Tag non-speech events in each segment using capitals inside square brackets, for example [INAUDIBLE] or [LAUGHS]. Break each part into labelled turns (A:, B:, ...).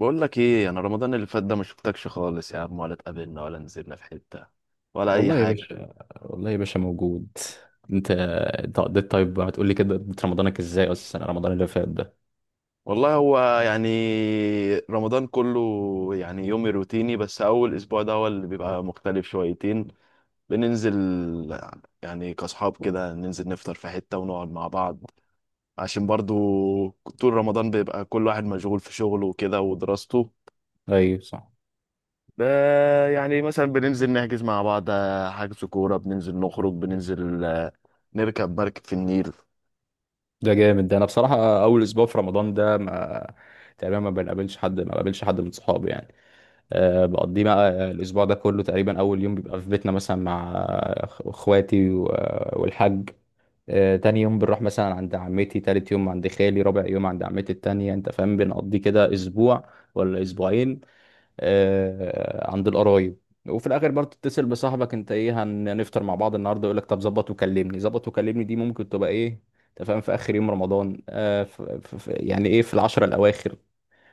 A: بقول لك ايه، انا رمضان اللي فات ده ما شفتكش خالص يا عم، ولا اتقابلنا ولا نزلنا في حتة ولا اي
B: والله يا
A: حاجة.
B: باشا. والله يا باشا موجود. انت قضيت؟ طيب هتقول لي كده قضيت رمضانك ازاي اصلا رمضان اللي فات ده؟
A: والله هو يعني رمضان كله يعني يومي روتيني، بس اول اسبوع ده هو اللي بيبقى مختلف شويتين. بننزل يعني كاصحاب كده، ننزل نفطر في حتة ونقعد مع بعض، عشان برضو طول رمضان بيبقى كل واحد مشغول في شغله وكده ودراسته.
B: ايوه صح.
A: ده يعني مثلا بننزل نحجز مع بعض، حجز كورة، بننزل نخرج، بننزل نركب مركب في النيل.
B: ده جامد ده. انا بصراحه اول اسبوع في رمضان ده ما تقريبا ما بقابلش حد من صحابي يعني. أه بقضيه بقى الاسبوع ده كله. تقريبا اول يوم بيبقى في بيتنا مثلا مع اخواتي والحاج. أه تاني يوم بنروح مثلا عند عمتي، تالت يوم عند خالي، رابع يوم عند عمتي التانية. انت فاهم؟ بنقضي كده اسبوع ولا اسبوعين عند القرايب. وفي الاخر برضه تتصل بصاحبك انت ايه هنفطر مع بعض النهارده؟ يقول لك طب ظبط وكلمني، ظبط وكلمني دي ممكن تبقى ايه؟ انت فاهم؟ في اخر يوم رمضان يعني ايه في العشرة الاواخر.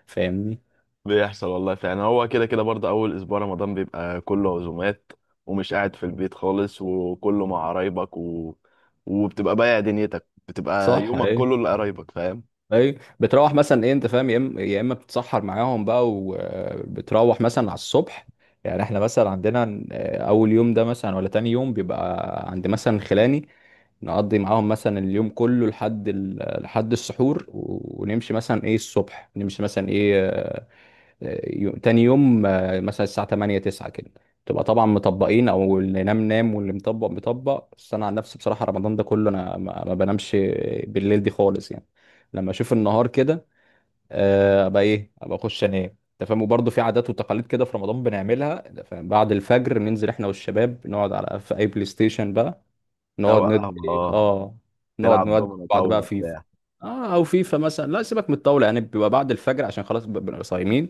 B: فاهمني؟
A: بيحصل والله فعلا، هو كده كده برضه أول أسبوع رمضان بيبقى كله عزومات، ومش قاعد في البيت خالص، وكله مع قرايبك و... وبتبقى بايع دنيتك، بتبقى
B: صح
A: يومك
B: ايه.
A: كله لقرايبك، فاهم.
B: ايه بتروح مثلا ايه انت فاهم؟ يا اما يا اما بتتسحر معاهم بقى وبتروح مثلا على الصبح. يعني احنا مثلا عندنا اول يوم ده مثلا ولا تاني يوم بيبقى عند مثلا خلاني نقضي معاهم مثلا اليوم كله لحد لحد السحور ونمشي مثلا ايه الصبح، نمشي مثلا ايه تاني يوم مثلا الساعة 8 9 كده. تبقى طبعا مطبقين، او اللي نام نام واللي مطبق مطبق. بس انا عن نفسي بصراحة رمضان ده كله انا ما بنامش بالليل دي خالص يعني. لما اشوف النهار كده ابقى ايه ابقى اخش انام. انت فاهم؟ وبرضه في عادات وتقاليد كده في رمضان بنعملها. أنت فاهم؟ بعد الفجر بننزل احنا والشباب نقعد على في اي بلاي ستيشن بقى.
A: أو
B: نقعد
A: اه
B: ندي اه، نقعد
A: تلعب
B: نودي
A: دومنة
B: بعض بقى
A: طاولة
B: فيفا.
A: بتاع.
B: اه او فيفا مثلا، لا سيبك من الطاوله. يعني بيبقى بعد الفجر عشان خلاص بنبقى صايمين.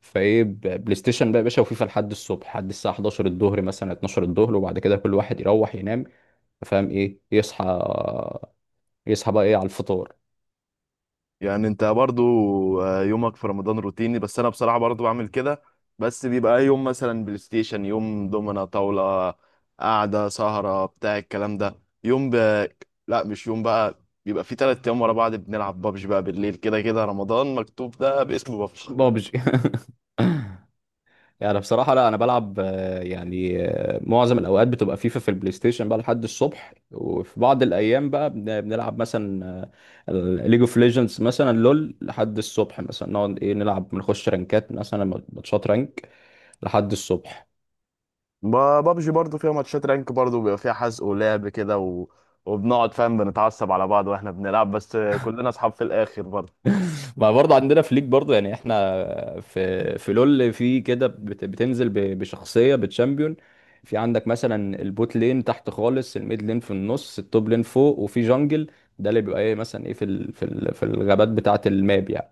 B: فايه بلاي ستيشن بقى يا باشا وفيفا لحد الصبح، لحد الساعه 11 الظهر مثلا، 12 الظهر، وبعد كده كل واحد يروح ينام. فاهم ايه؟ يصحى، يصحى بقى ايه على الفطار.
A: يعني انت برضو يومك في رمضان روتيني، بس انا بصراحة برضو بعمل كده، بس بيبقى يوم مثلا بلاي ستيشن، يوم دومنا طاولة، قعدة سهرة بتاع الكلام ده. يوم ب... لا، مش يوم بقى، بيبقى في تلات ايام ورا بعض بنلعب بابجي بقى بالليل، كده كده رمضان مكتوب ده باسم بابجي.
B: بابجي [LAUGHS] يعني أنا بصراحة لا أنا بلعب يعني معظم الأوقات بتبقى فيفا في البلاي ستيشن بقى لحد الصبح. وفي بعض الأيام بقى بنلعب مثلا ليج اوف ليجندز مثلا، لول لحد الصبح مثلا. نقعد إيه نلعب، بنخش رانكات مثلا، ماتشات رانك لحد الصبح.
A: بابجي برضو فيها ماتشات رانك، برضو بيبقى فيها حزق ولعب كده و... وبنقعد فاهم، بنتعصب على بعض واحنا بنلعب، بس كلنا اصحاب في الاخر برضو.
B: ما برضه عندنا فليك برضه. يعني احنا في لول في كده بتنزل بشخصيه بتشامبيون. في عندك مثلا البوت لين تحت خالص، الميد لين في النص، التوب لين فوق، وفي جانجل ده اللي بيبقى ايه مثلا ايه في ال في ال في الغابات بتاعه الماب يعني.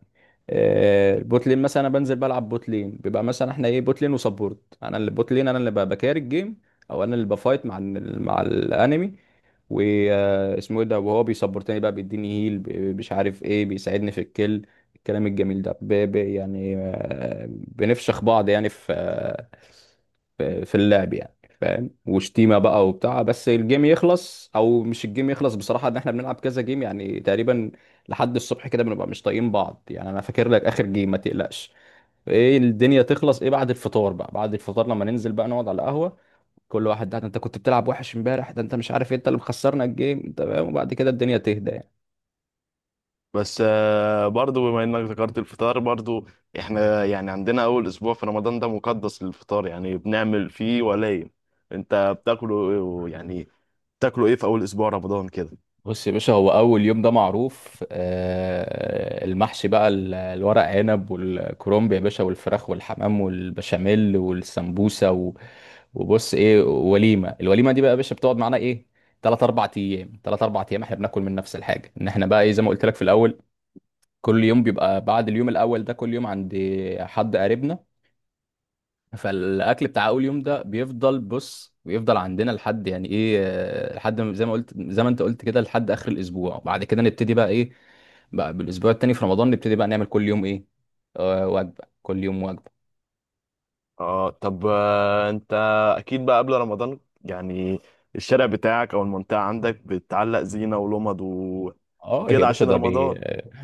B: البوت لين مثلا انا بنزل بلعب بوت لين، بيبقى مثلا احنا ايه بوت لين وسبورت. انا اللي بوت لين انا اللي بكاري الجيم، او انا اللي بفايت مع مع الانمي واسمه ايه ده، وهو بيسبورتني بقى بيديني هيل، مش عارف ايه، بيساعدني في الكل، الكلام الجميل ده يعني بنفشخ بعض يعني في في اللعب يعني. فاهم؟ وشتيمه بقى وبتاع، بس الجيم يخلص. او مش الجيم يخلص بصراحه، ان احنا بنلعب كذا جيم يعني تقريبا لحد الصبح كده، بنبقى مش طايقين بعض يعني. انا فاكر لك اخر جيم ما تقلقش ايه، الدنيا تخلص ايه بعد الفطار بقى. بعد الفطار لما ننزل بقى نقعد على القهوه، كل واحد ده انت كنت بتلعب وحش امبارح، ده انت مش عارف إيه، انت اللي مخسرنا الجيم. انت فاهم؟ وبعد كده الدنيا تهدى يعني.
A: بس برضو بما انك ذكرت الفطار، برضو احنا يعني عندنا اول اسبوع في رمضان ده مقدس للفطار، يعني بنعمل فيه ولايم. انت بتاكله يعني بتاكله ايه في اول اسبوع رمضان كده؟
B: بص يا باشا، هو اول يوم ده معروف، المحشي بقى، الورق عنب والكرنب يا باشا، والفراخ والحمام والبشاميل والسمبوسه وبص ايه وليمه. الوليمه دي بقى يا باشا بتقعد معانا ايه، 3 4 ايام. 3 4 ايام احنا بناكل من نفس الحاجه. ان احنا بقى ايه زي ما قلت لك في الاول، كل يوم بيبقى بعد اليوم الاول ده كل يوم عند حد قريبنا. فالاكل بتاع اول يوم ده بيفضل، بص بيفضل عندنا لحد يعني ايه لحد زي ما قلت، زي ما انت قلت كده، لحد اخر الاسبوع. وبعد كده نبتدي بقى ايه بقى بالاسبوع التاني في رمضان، نبتدي بقى نعمل كل يوم ايه وجبه. كل يوم وجبه.
A: اه طب، انت اكيد بقى قبل رمضان يعني الشارع بتاعك او المنطقة عندك بتعلق زينة ولمض و...
B: اه يا
A: وكده
B: باشا
A: عشان
B: ده
A: رمضان.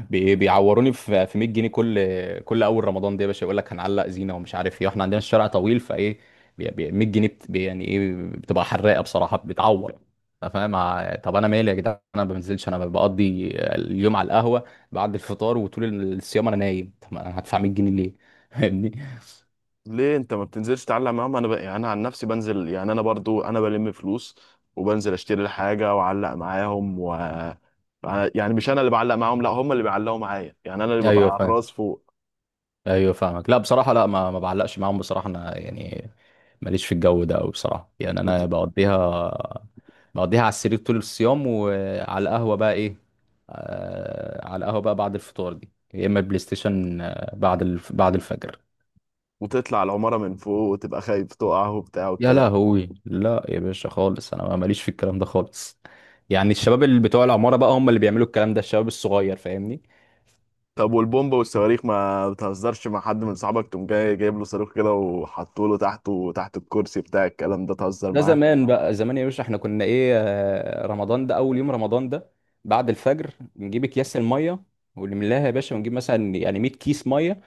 B: بيعوروني في 100 جنيه، كل اول رمضان ده يا باشا. يقول لك هنعلق زينه ومش عارف ايه، احنا عندنا الشارع طويل. فايه 100 جنيه يعني ايه بتبقى حراقه بصراحه، بتعور. انت فاهم؟ طب انا مالي يا جدعان، انا ما بنزلش، انا بقضي اليوم على القهوه بعد الفطار، وطول الصيام انا نايم. طب ما انا هدفع 100 جنيه ليه؟ [LAUGHS] فاهمني؟
A: ليه انت ما بتنزلش تتعلم معاهم؟ يعني انا عن نفسي بنزل، يعني انا برضو انا بلم فلوس، وبنزل اشتري الحاجه واعلق معاهم و يعني مش انا اللي بعلق معاهم، لا، هم اللي بيعلقوا معايا، يعني انا اللي ببقى
B: ايوه،
A: على الراس فوق.
B: ايوه فاهمك. لا بصراحه لا ما بعلقش معاهم بصراحه. انا يعني ماليش في الجو ده قوي بصراحه. يعني انا
A: وت...
B: بقضيها على السرير طول الصيام، وعلى القهوه بقى ايه، آه على القهوه بقى بعد الفطار دي، يا اما بلاي ستيشن بعد بعد الفجر.
A: وتطلع العماره من فوق وتبقى خايف تقع وبتاع
B: يا
A: والكلام ده.
B: لهوي، لا يا باشا خالص، انا ماليش في الكلام ده خالص. يعني الشباب اللي بتوع العماره بقى هم اللي بيعملوا الكلام ده، الشباب الصغير. فاهمني؟
A: طب والبومب والصواريخ ما بتهزرش مع حد من صحابك، تقوم جاي جايب له صاروخ كده وحطه له تحته تحت الكرسي بتاع الكلام ده، تهزر
B: ده
A: معاه؟
B: زمان بقى، زمان يا باشا احنا كنا ايه رمضان ده اول يوم رمضان ده بعد الفجر، بنجيب اكياس الميه ونملاها يا باشا، ونجيب مثلا يعني 100 كيس ميه.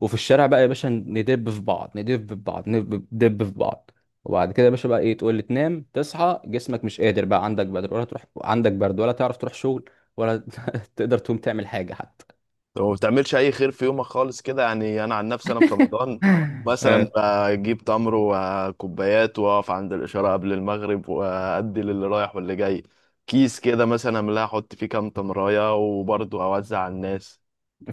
B: وفي الشارع بقى يا باشا، ندب في بعض، ندب في بعض، ندب في بعض. وبعد كده يا باشا بقى ايه، تقول لي تنام تصحى جسمك مش قادر بقى، عندك برد ولا تروح، عندك برد ولا تعرف تروح شغل ولا [LAUGHS] تقدر تقوم تعمل حاجه حتى.
A: وما بتعملش اي خير في يومك خالص كده؟ يعني انا عن نفسي انا في رمضان
B: [LAUGHS]
A: مثلا
B: آه،
A: بجيب تمر وكوبايات، واقف عند الاشاره قبل المغرب وادي للي رايح واللي جاي كيس كده، مثلا املاها احط فيه كام تمرايه وبرضه اوزع على الناس.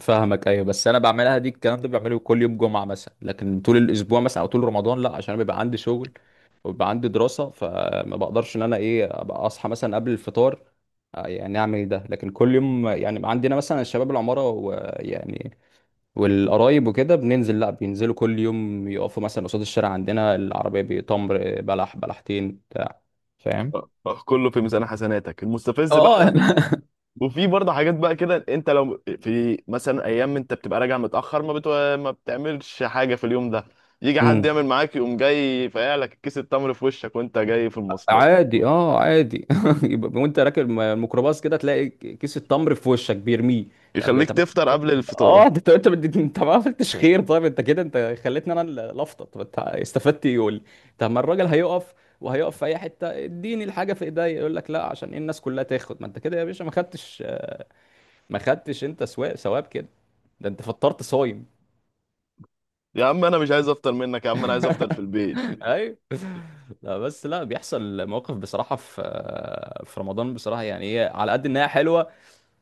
B: فاهمك. ايوه بس انا بعملها دي، الكلام ده بعمله كل يوم جمعه مثلا، لكن طول الاسبوع مثلا او طول رمضان لا، عشان أنا بيبقى عندي شغل وبيبقى عندي دراسة. فما بقدرش ان انا ايه ابقى اصحى مثلا قبل الفطار يعني اعمل ده لكن كل يوم. يعني عندنا مثلا شباب العمارة، ويعني والقرايب وكده، بننزل، لا بينزلوا كل يوم يقفوا مثلا قصاد الشارع عندنا، العربية بتمر بلح بلحتين بتاع. فاهم؟
A: أه، أه، كله في ميزان حسناتك، المستفز بقى
B: اه [LAUGHS]
A: لما وفي برضه حاجات بقى كده، انت لو في مثلا ايام انت بتبقى راجع متاخر ما بتعملش حاجه في اليوم ده، يجي حد
B: امم
A: يعمل معاك، يقوم جاي فاقع لك كيس التمر في وشك وانت جاي في المواصلات،
B: عادي، اه عادي [LAUGHS] يبقى وانت راكب الميكروباص كده تلاقي كيس التمر في وشك بيرميه. طب
A: يخليك
B: طب
A: تفطر قبل الفطار.
B: اه، انت ما عملتش خير. طيب انت كده انت خليتني انا اللي افطر، طب انت استفدت ايه يقول لي؟ طب ما الراجل هيقف، وهيقف في اي حته اديني الحاجه في ايدي. يقول لك لا عشان ايه الناس كلها تاخد، ما انت كده يا باشا ما خدتش، ما خدتش انت ثواب كده، ده انت فطرت صايم.
A: يا عم انا مش عايز افطر منك، يا عم انا عايز افطر في
B: [LAUGHS]
A: البيت.
B: ايوه. لا بس لا بيحصل مواقف بصراحه في في رمضان بصراحه. يعني ايه على قد انها حلوه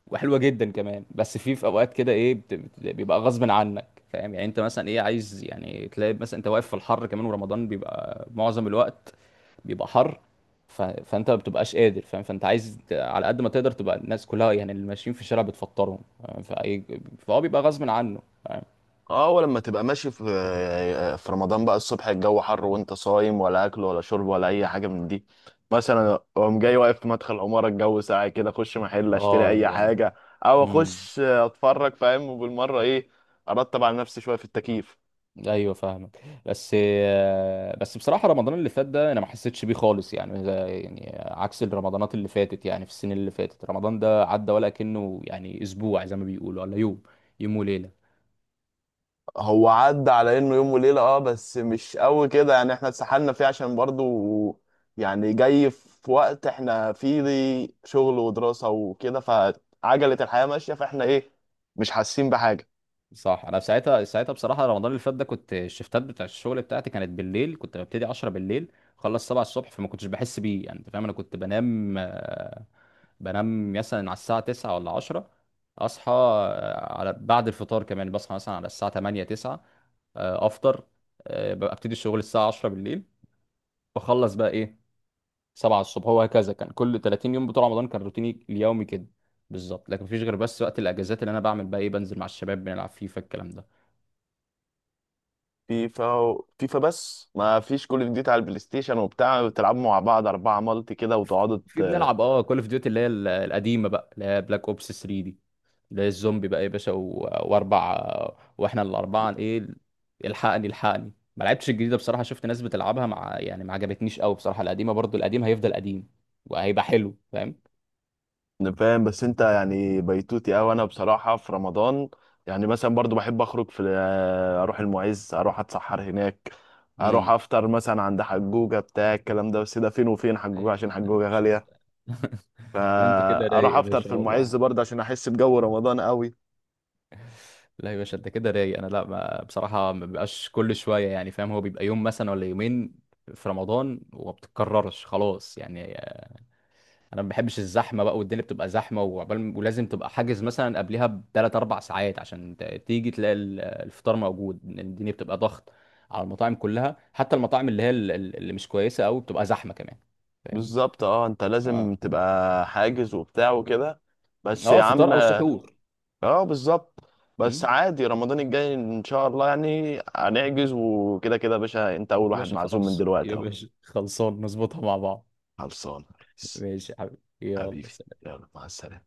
B: وحلوه جدا كمان، بس في في اوقات كده ايه بيبقى غصب عنك. فاهم يعني؟ انت مثلا ايه عايز يعني تلاقي مثلا انت واقف في الحر كمان، ورمضان بيبقى معظم الوقت بيبقى حر. فانت ما بتبقاش قادر. فاهم؟ فانت عايز على قد ما تقدر تبقى الناس كلها يعني اللي ماشيين في الشارع بتفطرهم. فاهم؟ فهو بيبقى غصب عنه. فاهم؟
A: اه، ولما تبقى ماشي في رمضان بقى الصبح الجو حر وانت صايم، ولا اكل ولا شرب ولا اي حاجه من دي، مثلا اقوم جاي واقف في مدخل عماره، الجو ساقع كده، اخش محل اشتري
B: اه
A: اي
B: يا لهوي.
A: حاجه او
B: امم
A: اخش اتفرج، فاهم، وبالمره ايه ارتب على نفسي شويه في التكييف.
B: ايوه فاهمك. بس بس بصراحه رمضان اللي فات ده انا ما حسيتش بيه خالص يعني. ده يعني عكس الرمضانات اللي فاتت، يعني في السنين اللي فاتت. رمضان ده عدى ولا كأنه يعني اسبوع زي ما بيقولوا، ولا يوم، يوم وليله.
A: هو عدى على انه يوم وليله، اه بس مش قوي كده يعني، احنا اتسحلنا فيه عشان برضو يعني جاي في وقت احنا فيه دي شغل ودراسه وكده، فعجله الحياه ماشيه، فاحنا ايه مش حاسين بحاجه.
B: صح. انا ساعتها بصراحه رمضان اللي فات ده كنت الشفتات بتاع الشغل بتاعتي كانت بالليل، كنت ببتدي 10 بالليل، خلص 7 الصبح. فما كنتش بحس بيه يعني. انت فاهم؟ انا كنت بنام مثلا على الساعة 9 ولا 10، أصحى على بعد الفطار كمان، بصحى مثلا على الساعة 8 9 أفطر، ببقى أبتدي الشغل الساعة 10 بالليل، بخلص بقى إيه 7 الصبح. هو هكذا كان كل 30 يوم بتوع رمضان، كان روتيني اليومي كده بالظبط. لكن مفيش غير بس وقت الأجازات اللي أنا بعمل بقى إيه بنزل مع الشباب بنلعب فيفا الكلام ده.
A: فيفا فيفا بس؟ ما فيش كول اوف ديوتي على البلاي ستيشن وبتاع، بتلعبوا مع بعض اربعه مالتي كده وتقعدوا؟
B: في بنلعب اه كول اوف ديوتي، اللي هي القديمه بقى، اللي هي بلاك اوبس 3 دي، لا الزومبي بقى يا باشا واربع، واحنا الاربعه ايه الحقني الحقني. ما لعبتش الجديده بصراحه، شفت ناس بتلعبها مع يعني ما عجبتنيش قوي بصراحه. القديمه برضو، القديم هيفضل قديم وهيبقى حلو. فاهم؟
A: أنا فاهم، بس انت يعني بيتوتي اوي. انا بصراحه في رمضان يعني مثلا برضو بحب اخرج، في اروح المعز، اروح اتسحر هناك، اروح
B: امم
A: افطر مثلا عند حجوجه بتاع الكلام ده، بس ده فين وفين حجوجه،
B: أي-
A: عشان
B: لا يا
A: حجوجه
B: باشا
A: غاليه،
B: انت [LAUGHS] لا انت كده رايق
A: فاروح
B: يا
A: افطر في
B: باشا والله.
A: المعز برضه عشان احس بجو رمضان قوي.
B: لا يا باشا انت كده رايق. انا لا ما بصراحه ما بيبقاش كل شويه يعني. فاهم؟ هو بيبقى يوم مثلا ولا يومين في رمضان وما بتتكررش خلاص يعني. انا ما بحبش الزحمه بقى، والدنيا بتبقى زحمه، وعقبال ولازم تبقى حاجز مثلا قبلها بثلاث اربع ساعات عشان تيجي تلاقي الفطار موجود. الدنيا بتبقى ضغط على المطاعم كلها، حتى المطاعم اللي هي اللي مش كويسه قوي بتبقى زحمه كمان. فاهمني؟
A: بالظبط، اه انت
B: اه.
A: لازم تبقى حاجز وبتاع وكده، بس يا
B: اه فطار
A: عم.
B: او سحور؟
A: اه بالظبط، بس
B: مم.
A: عادي رمضان الجاي ان شاء الله يعني هنحجز، وكده كده يا باشا انت اول
B: يا
A: واحد
B: باشا
A: معزوم من
B: خلاص
A: دلوقتي
B: يا
A: اهو.
B: باشا، خلصان نظبطها مع بعض.
A: خلصان يا ريس.
B: ماشي يا حبيبي.
A: حبيبي،
B: يلا.
A: يلا مع السلامة.